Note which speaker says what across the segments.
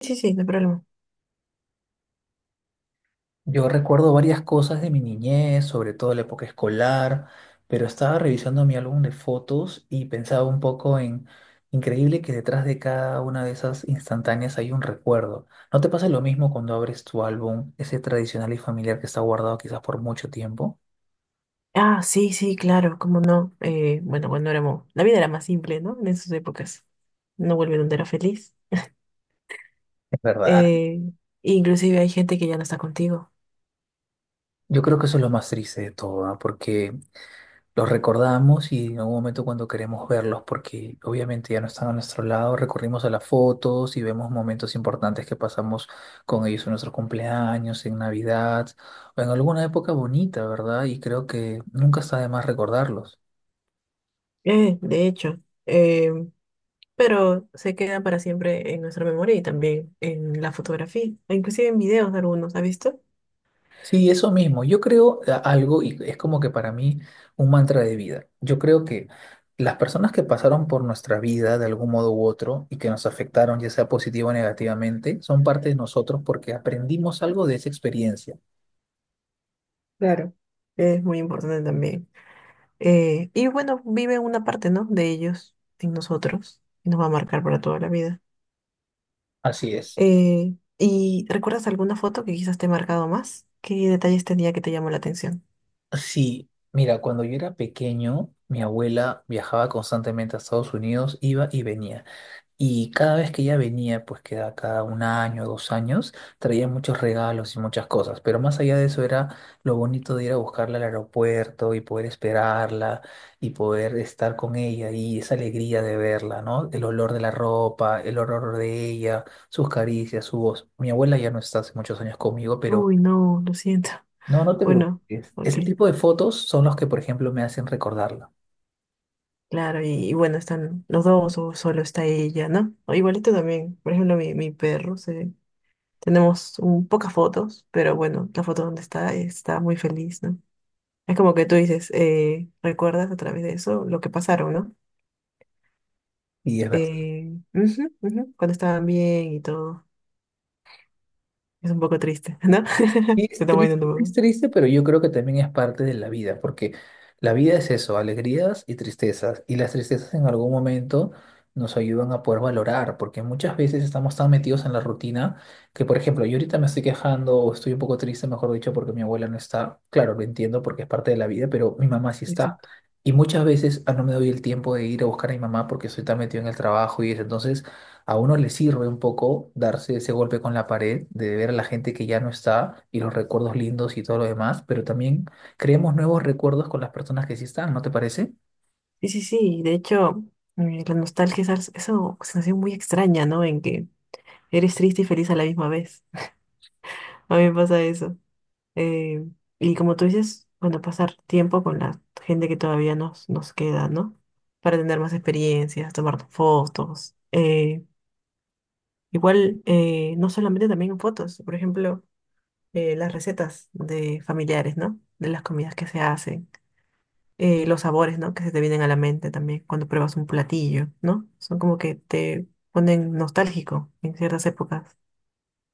Speaker 1: Sí, sí, no hay problema.
Speaker 2: Yo recuerdo varias cosas de mi niñez, sobre todo la época escolar, pero estaba revisando mi álbum de fotos y pensaba un poco en, increíble que detrás de cada una de esas instantáneas hay un recuerdo. ¿No te pasa lo mismo cuando abres tu álbum, ese tradicional y familiar que está guardado quizás por mucho tiempo?
Speaker 1: Ah, sí, sí, claro, cómo no. Bueno, cuando éramos, la vida era más simple, ¿no? En esas épocas. No vuelve donde era feliz.
Speaker 2: Es verdad.
Speaker 1: Eh, inclusive hay gente que ya no está contigo.
Speaker 2: Yo creo que eso es lo más triste de todo, ¿ah? Porque los recordamos y en algún momento cuando queremos verlos, porque obviamente ya no están a nuestro lado, recurrimos a las fotos y vemos momentos importantes que pasamos con ellos en nuestros cumpleaños, en Navidad o en alguna época bonita, ¿verdad? Y creo que nunca está de más recordarlos.
Speaker 1: De hecho. Eh, pero se quedan para siempre en nuestra memoria y también en la fotografía, e inclusive en videos algunos, ¿has visto?
Speaker 2: Sí, eso mismo. Yo creo algo, y es como que para mí un mantra de vida. Yo creo que las personas que pasaron por nuestra vida de algún modo u otro y que nos afectaron, ya sea positivo o negativamente, son parte de nosotros porque aprendimos algo de esa experiencia.
Speaker 1: Claro. Es muy importante también. Y bueno, vive una parte, ¿no? De ellos en nosotros y nos va a marcar para toda la vida.
Speaker 2: Así es.
Speaker 1: ¿Y recuerdas alguna foto que quizás te ha marcado más? ¿Qué detalles tenía que te llamó la atención?
Speaker 2: Sí, mira, cuando yo era pequeño, mi abuela viajaba constantemente a Estados Unidos, iba y venía. Y cada vez que ella venía, pues que era cada un año, 2 años, traía muchos regalos y muchas cosas. Pero más allá de eso era lo bonito de ir a buscarla al aeropuerto y poder esperarla y poder estar con ella y esa alegría de verla, ¿no? El olor de la ropa, el olor de ella, sus caricias, su voz. Mi abuela ya no está hace muchos años conmigo, pero
Speaker 1: Uy, no, lo siento.
Speaker 2: no, no te
Speaker 1: Bueno,
Speaker 2: preocupes.
Speaker 1: ok.
Speaker 2: Ese tipo de fotos son los que, por ejemplo, me hacen recordarla.
Speaker 1: Claro, y bueno, están los dos o solo está ella, ¿no? O igualito también, por ejemplo, mi perro, tenemos un, pocas fotos, pero bueno, la foto donde está muy feliz, ¿no? Es como que tú dices, ¿recuerdas a través de eso lo que pasaron, ¿no?
Speaker 2: Y es verdad.
Speaker 1: Ujú, ujú, cuando estaban bien y todo. Es un poco triste, ¿no?
Speaker 2: Y
Speaker 1: Se está moviendo
Speaker 2: es
Speaker 1: todo.
Speaker 2: triste, pero yo creo que también es parte de la vida, porque la vida es eso, alegrías y tristezas, y las tristezas en algún momento nos ayudan a poder valorar, porque muchas veces estamos tan metidos en la rutina que, por ejemplo, yo ahorita me estoy quejando o estoy un poco triste, mejor dicho, porque mi abuela no está, claro, lo entiendo porque es parte de la vida, pero mi mamá sí está.
Speaker 1: Exacto.
Speaker 2: Y muchas veces no me doy el tiempo de ir a buscar a mi mamá porque estoy tan metido en el trabajo y eso, entonces a uno le sirve un poco darse ese golpe con la pared, de ver a la gente que ya no está y los recuerdos lindos y todo lo demás, pero también creemos nuevos recuerdos con las personas que sí están, ¿no te parece?
Speaker 1: Sí, sí, sí. De hecho, la nostalgia es esa sensación muy extraña, ¿no? En que eres triste y feliz a la misma vez. A mí me pasa eso. Eh, y como tú dices, bueno, pasar tiempo con la gente que todavía nos queda, ¿no? Para tener más experiencias, tomar fotos. Igual, no solamente también fotos. Por ejemplo. Las recetas de familiares, ¿no? De las comidas que se hacen, los sabores, ¿no? Que se te vienen a la mente también cuando pruebas un platillo, ¿no? Son como que te ponen nostálgico en ciertas épocas.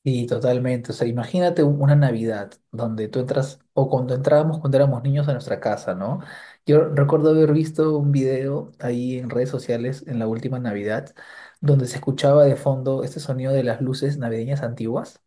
Speaker 2: Y totalmente, o sea, imagínate una Navidad donde tú entras, o cuando entrábamos cuando éramos niños a nuestra casa, ¿no? Yo recuerdo haber visto un video ahí en redes sociales en la última Navidad, donde se escuchaba de fondo este sonido de las luces navideñas antiguas.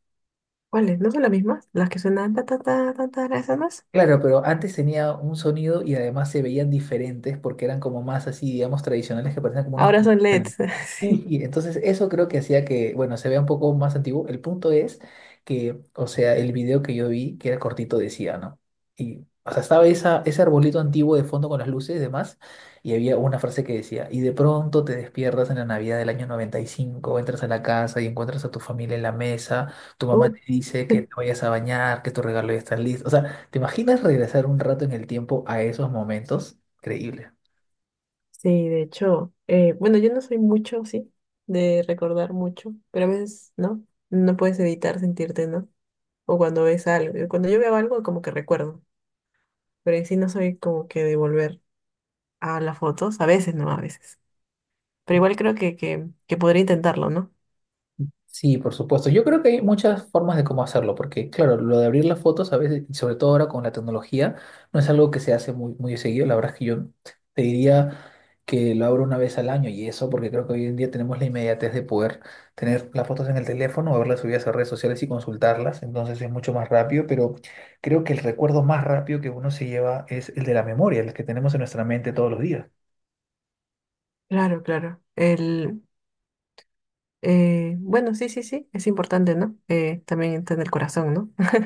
Speaker 1: ¿Cuáles? ¿No son las mismas? Las que suenan ta ta ta ta ta, ¿esas no es?
Speaker 2: Claro, pero antes tenía un sonido y además se veían diferentes porque eran como más así, digamos, tradicionales que parecían como unos
Speaker 1: Ahora son
Speaker 2: cristales.
Speaker 1: LEDs,
Speaker 2: Y,
Speaker 1: sí.
Speaker 2: y entonces eso creo que hacía que, bueno, se vea un poco más antiguo. El punto es que, o sea, el video que yo vi, que era cortito, decía, ¿no? Y, o sea, estaba ese arbolito antiguo de fondo con las luces y demás, y había una frase que decía, y de pronto te despiertas en la Navidad del año 95, entras a la casa y encuentras a tu familia en la mesa, tu mamá
Speaker 1: Uf.
Speaker 2: te dice que te vayas a bañar, que tu regalo ya está listo. O sea, ¿te imaginas regresar un rato en el tiempo a esos momentos? Increíble.
Speaker 1: Sí, de hecho, bueno, yo no soy mucho, sí, de recordar mucho, pero a veces, ¿no? No puedes evitar sentirte, ¿no? O cuando ves algo, cuando yo veo algo, como que recuerdo. Pero en sí no soy como que de volver a las fotos, a veces no, a veces. Pero igual creo que podría intentarlo, ¿no?
Speaker 2: Sí, por supuesto. Yo creo que hay muchas formas de cómo hacerlo, porque claro, lo de abrir las fotos a veces, y sobre todo ahora con la tecnología, no es algo que se hace muy, muy seguido. La verdad es que yo te diría que lo abro una vez al año y eso, porque creo que hoy en día tenemos la inmediatez de poder tener las fotos en el teléfono, o verlas subidas a redes sociales y consultarlas, entonces es mucho más rápido, pero creo que el recuerdo más rápido que uno se lleva es el de la memoria, el que tenemos en nuestra mente todos los días.
Speaker 1: Claro, claro. El, bueno, sí, sí, sí, es importante, ¿no? También está en el corazón, ¿no?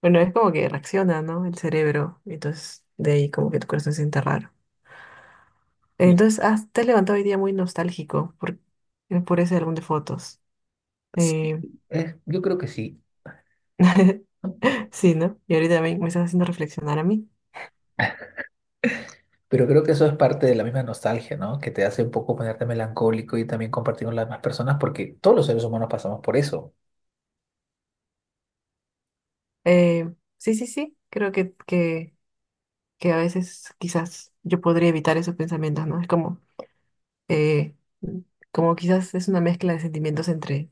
Speaker 1: Bueno, es como que reacciona, ¿no? El cerebro, entonces de ahí como que tu corazón se siente raro. Entonces, ah, te has levantado hoy día muy nostálgico por ese álbum de fotos.
Speaker 2: Sí,
Speaker 1: Eh,
Speaker 2: Yo creo que sí, ¿no?
Speaker 1: sí, ¿no? Y ahorita me estás haciendo reflexionar a mí.
Speaker 2: Pero creo que eso es parte de la misma nostalgia, ¿no? Que te hace un poco ponerte melancólico y también compartir con las demás personas, porque todos los seres humanos pasamos por eso.
Speaker 1: Eh, sí, sí, sí, creo que a veces quizás yo podría evitar esos pensamientos, ¿no? Es como, eh, como quizás es una mezcla de sentimientos entre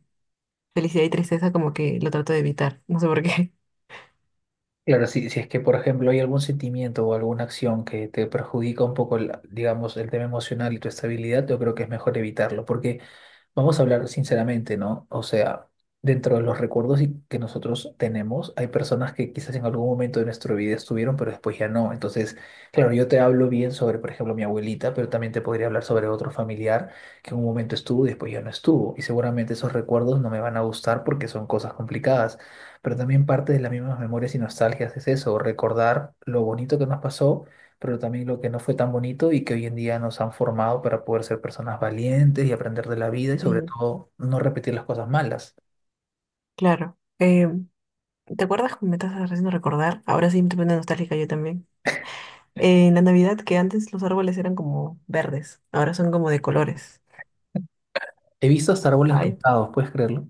Speaker 1: felicidad y tristeza, como que lo trato de evitar, no sé por qué.
Speaker 2: Claro, si es que, por ejemplo, hay algún sentimiento o alguna acción que te perjudica un poco, digamos, el tema emocional y tu estabilidad, yo creo que es mejor evitarlo, porque vamos a hablar sinceramente, ¿no? O sea, dentro de los recuerdos que nosotros tenemos, hay personas que quizás en algún momento de nuestra vida estuvieron, pero después ya no. Entonces, claro, yo te hablo bien sobre, por ejemplo, mi abuelita, pero también te podría hablar sobre otro familiar que en un momento estuvo y después ya no estuvo. Y seguramente esos recuerdos no me van a gustar porque son cosas complicadas. Pero también parte de las mismas memorias y nostalgias es eso, recordar lo bonito que nos pasó pero también lo que no fue tan bonito y que hoy en día nos han formado para poder ser personas valientes y aprender de la vida y sobre
Speaker 1: Y
Speaker 2: todo no repetir las cosas malas.
Speaker 1: claro, ¿te acuerdas cómo me estás haciendo recordar? Ahora sí me estoy poniendo nostálgica yo también. En la Navidad, que antes los árboles eran como verdes, ahora son como de colores.
Speaker 2: He visto hasta árboles
Speaker 1: Ay,
Speaker 2: rosados, ¿puedes creerlo?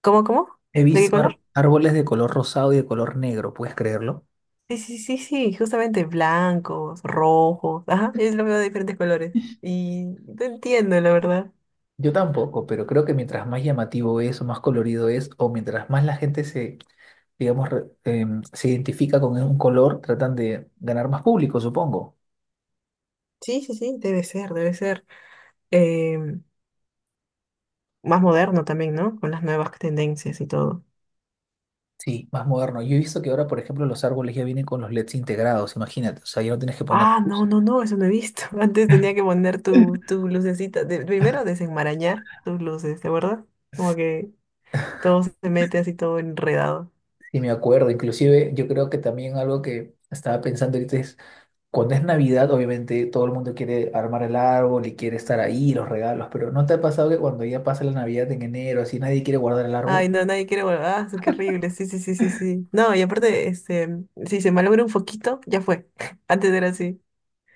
Speaker 1: ¿cómo, cómo?
Speaker 2: He
Speaker 1: ¿De qué
Speaker 2: visto
Speaker 1: color?
Speaker 2: árboles de color rosado y de color negro, ¿puedes creerlo?
Speaker 1: Sí, sí, sí, sí, justamente blancos, rojos, ajá, es lo veo de diferentes colores. Y no entiendo, la verdad.
Speaker 2: Yo tampoco, pero creo que mientras más llamativo es o más colorido es o mientras más la gente se, digamos, se identifica con un color, tratan de ganar más público, supongo.
Speaker 1: Sí, sí, sí, debe ser, debe ser. em, más moderno también, ¿no? Con las nuevas tendencias y todo.
Speaker 2: Sí, más moderno. Yo he visto que ahora, por ejemplo, los árboles ya vienen con los LEDs integrados, imagínate. O sea, ya no tienes que poner
Speaker 1: Ah,
Speaker 2: luz.
Speaker 1: no, no, no, eso no he visto. Antes tenía que poner tu lucecita. Primero desenmarañar tus luces, ¿te acuerdas? Como que todo se mete así todo enredado.
Speaker 2: Y me acuerdo, inclusive yo creo que también algo que estaba pensando ahorita es, cuando es Navidad, obviamente todo el mundo quiere armar el árbol y quiere estar ahí, los regalos, pero ¿no te ha pasado que cuando ya pasa la Navidad en enero, así nadie quiere guardar el árbol?
Speaker 1: Ay, no, nadie quiere volver. Ah, qué horrible. Sí, sí, sí, sí, sí. No, y aparte, este, si se malogra un foquito, ya fue. Antes era así.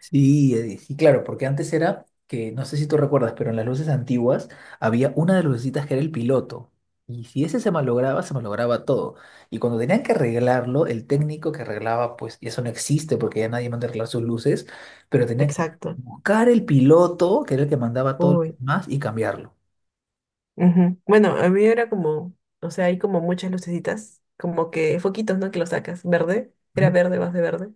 Speaker 2: Sí, y claro, porque antes era que, no sé si tú recuerdas, pero en las luces antiguas había una de las lucecitas que era el piloto. Y si ese se malograba todo. Y cuando tenían que arreglarlo, el técnico que arreglaba, pues, y eso no existe porque ya nadie manda a arreglar sus luces, pero tenían que
Speaker 1: Exacto.
Speaker 2: buscar el piloto, que era el que mandaba todo lo
Speaker 1: Uy.
Speaker 2: demás, y cambiarlo.
Speaker 1: Ujú. Bueno, a mí era como, o sea, hay como muchas lucecitas, como que foquitos, ¿no? Que lo sacas, verde, era
Speaker 2: Ujú.
Speaker 1: verde, vas de verde,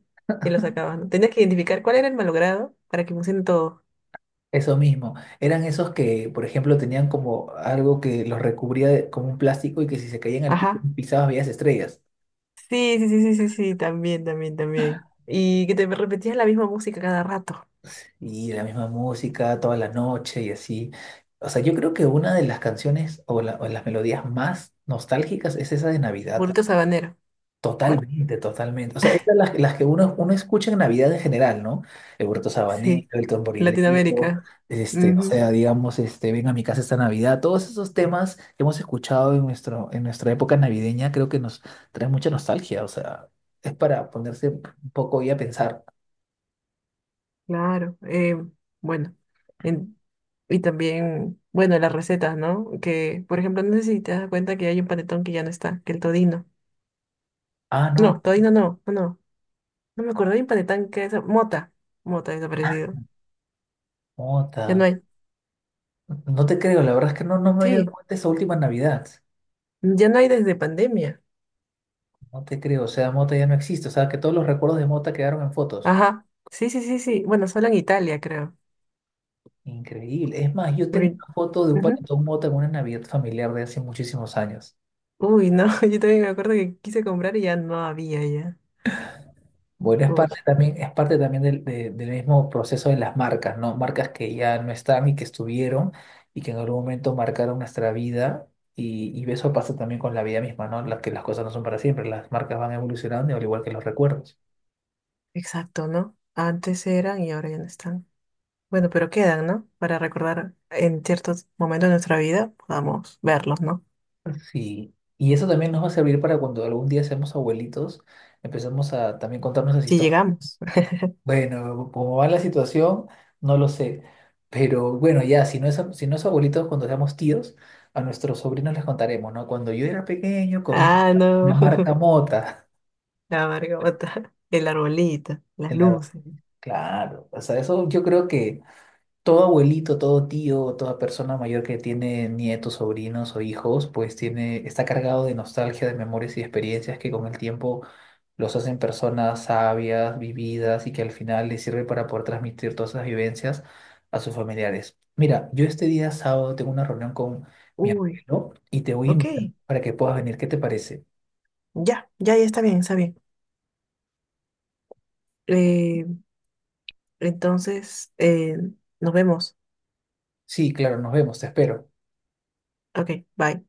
Speaker 1: y lo sacabas, ¿no? Tenías que identificar cuál era el malogrado para que funcione todo.
Speaker 2: Eso mismo. Eran esos que, por ejemplo, tenían como algo que los recubría como un plástico y que si se caían al piso
Speaker 1: Ajá.
Speaker 2: pisabas veías estrellas.
Speaker 1: Sí, sí, sí, sí, sí, sí, también, también, también. Y que te repetías la misma música cada rato.
Speaker 2: Y la misma música toda la noche y así. O sea, yo creo que una de las canciones o las melodías más nostálgicas es esa de Navidad.
Speaker 1: Burrito Sabanero. ¿Cuál?
Speaker 2: Totalmente, totalmente. O sea, esas las que uno escucha en Navidad en general, ¿no? El Huerto Sabanero,
Speaker 1: Sí,
Speaker 2: el Tamborilero,
Speaker 1: Latinoamérica.
Speaker 2: este, o sea, digamos, este, Ven a mi casa esta Navidad. Todos esos temas que hemos escuchado en nuestra época navideña creo que nos trae mucha nostalgia. O sea, es para ponerse un poco y a pensar,
Speaker 1: Claro, bueno, en- y también, bueno, las recetas, ¿no? Que, por ejemplo, no sé si te das cuenta que hay un panetón que ya no está, que el todino.
Speaker 2: ah, no,
Speaker 1: No, todino no, no, no, no me acuerdo, hay un panetón que es mota, mota
Speaker 2: ah,
Speaker 1: desaparecido. Ya no
Speaker 2: nota.
Speaker 1: hay,
Speaker 2: No te creo, la verdad es que no, no me había dado
Speaker 1: sí,
Speaker 2: cuenta esa última Navidad.
Speaker 1: ya no hay desde pandemia.
Speaker 2: No te creo, o sea, Mota ya no existe, o sea, que todos los recuerdos de Mota quedaron en fotos.
Speaker 1: Ajá, sí, sí, sí, sí, bueno, solo en Italia, creo.
Speaker 2: Increíble. Es más, yo tengo
Speaker 1: Porque,
Speaker 2: una foto de un
Speaker 1: ujú.
Speaker 2: panetón Mota en una Navidad familiar de hace muchísimos años.
Speaker 1: Uy, no, yo también me acuerdo que quise comprar y ya no había ya.
Speaker 2: Bueno,
Speaker 1: Uy,
Speaker 2: es parte también del mismo proceso de las marcas, ¿no? Marcas que ya no están y que estuvieron y que en algún momento marcaron nuestra vida. Y eso pasa también con la vida misma, ¿no? Que las cosas no son para siempre, las marcas van evolucionando al igual que los recuerdos.
Speaker 1: exacto, ¿no? Antes eran y ahora ya no están. Bueno, pero quedan, ¿no? Para recordar en ciertos momentos de nuestra vida, podamos verlos, ¿no?
Speaker 2: Sí, y eso también nos va a servir para cuando algún día seamos abuelitos, empezamos a también contarnos las
Speaker 1: Si
Speaker 2: historias.
Speaker 1: llegamos.
Speaker 2: Bueno, cómo va la situación, no lo sé, pero bueno, ya, si no es abuelitos, cuando seamos tíos, a nuestros sobrinos les contaremos, ¿no? Cuando yo era pequeño comía
Speaker 1: Ah, no.
Speaker 2: una marca mota.
Speaker 1: La margota, el arbolito, las
Speaker 2: Claro,
Speaker 1: luces.
Speaker 2: claro, o sea, eso yo creo que todo abuelito, todo tío, toda persona mayor que tiene nietos, sobrinos o hijos, pues está cargado de nostalgia, de memorias y experiencias que con el tiempo los hacen personas sabias, vividas y que al final les sirve para poder transmitir todas esas vivencias a sus familiares. Mira, yo este día sábado tengo una reunión con mi
Speaker 1: Uy,
Speaker 2: abuelo y te voy a
Speaker 1: ok.
Speaker 2: invitar para que puedas venir. ¿Qué te parece?
Speaker 1: Ya, ya, ya está bien, está bien. Eh, entonces, nos vemos.
Speaker 2: Sí, claro, nos vemos, te espero.
Speaker 1: Ok, bye.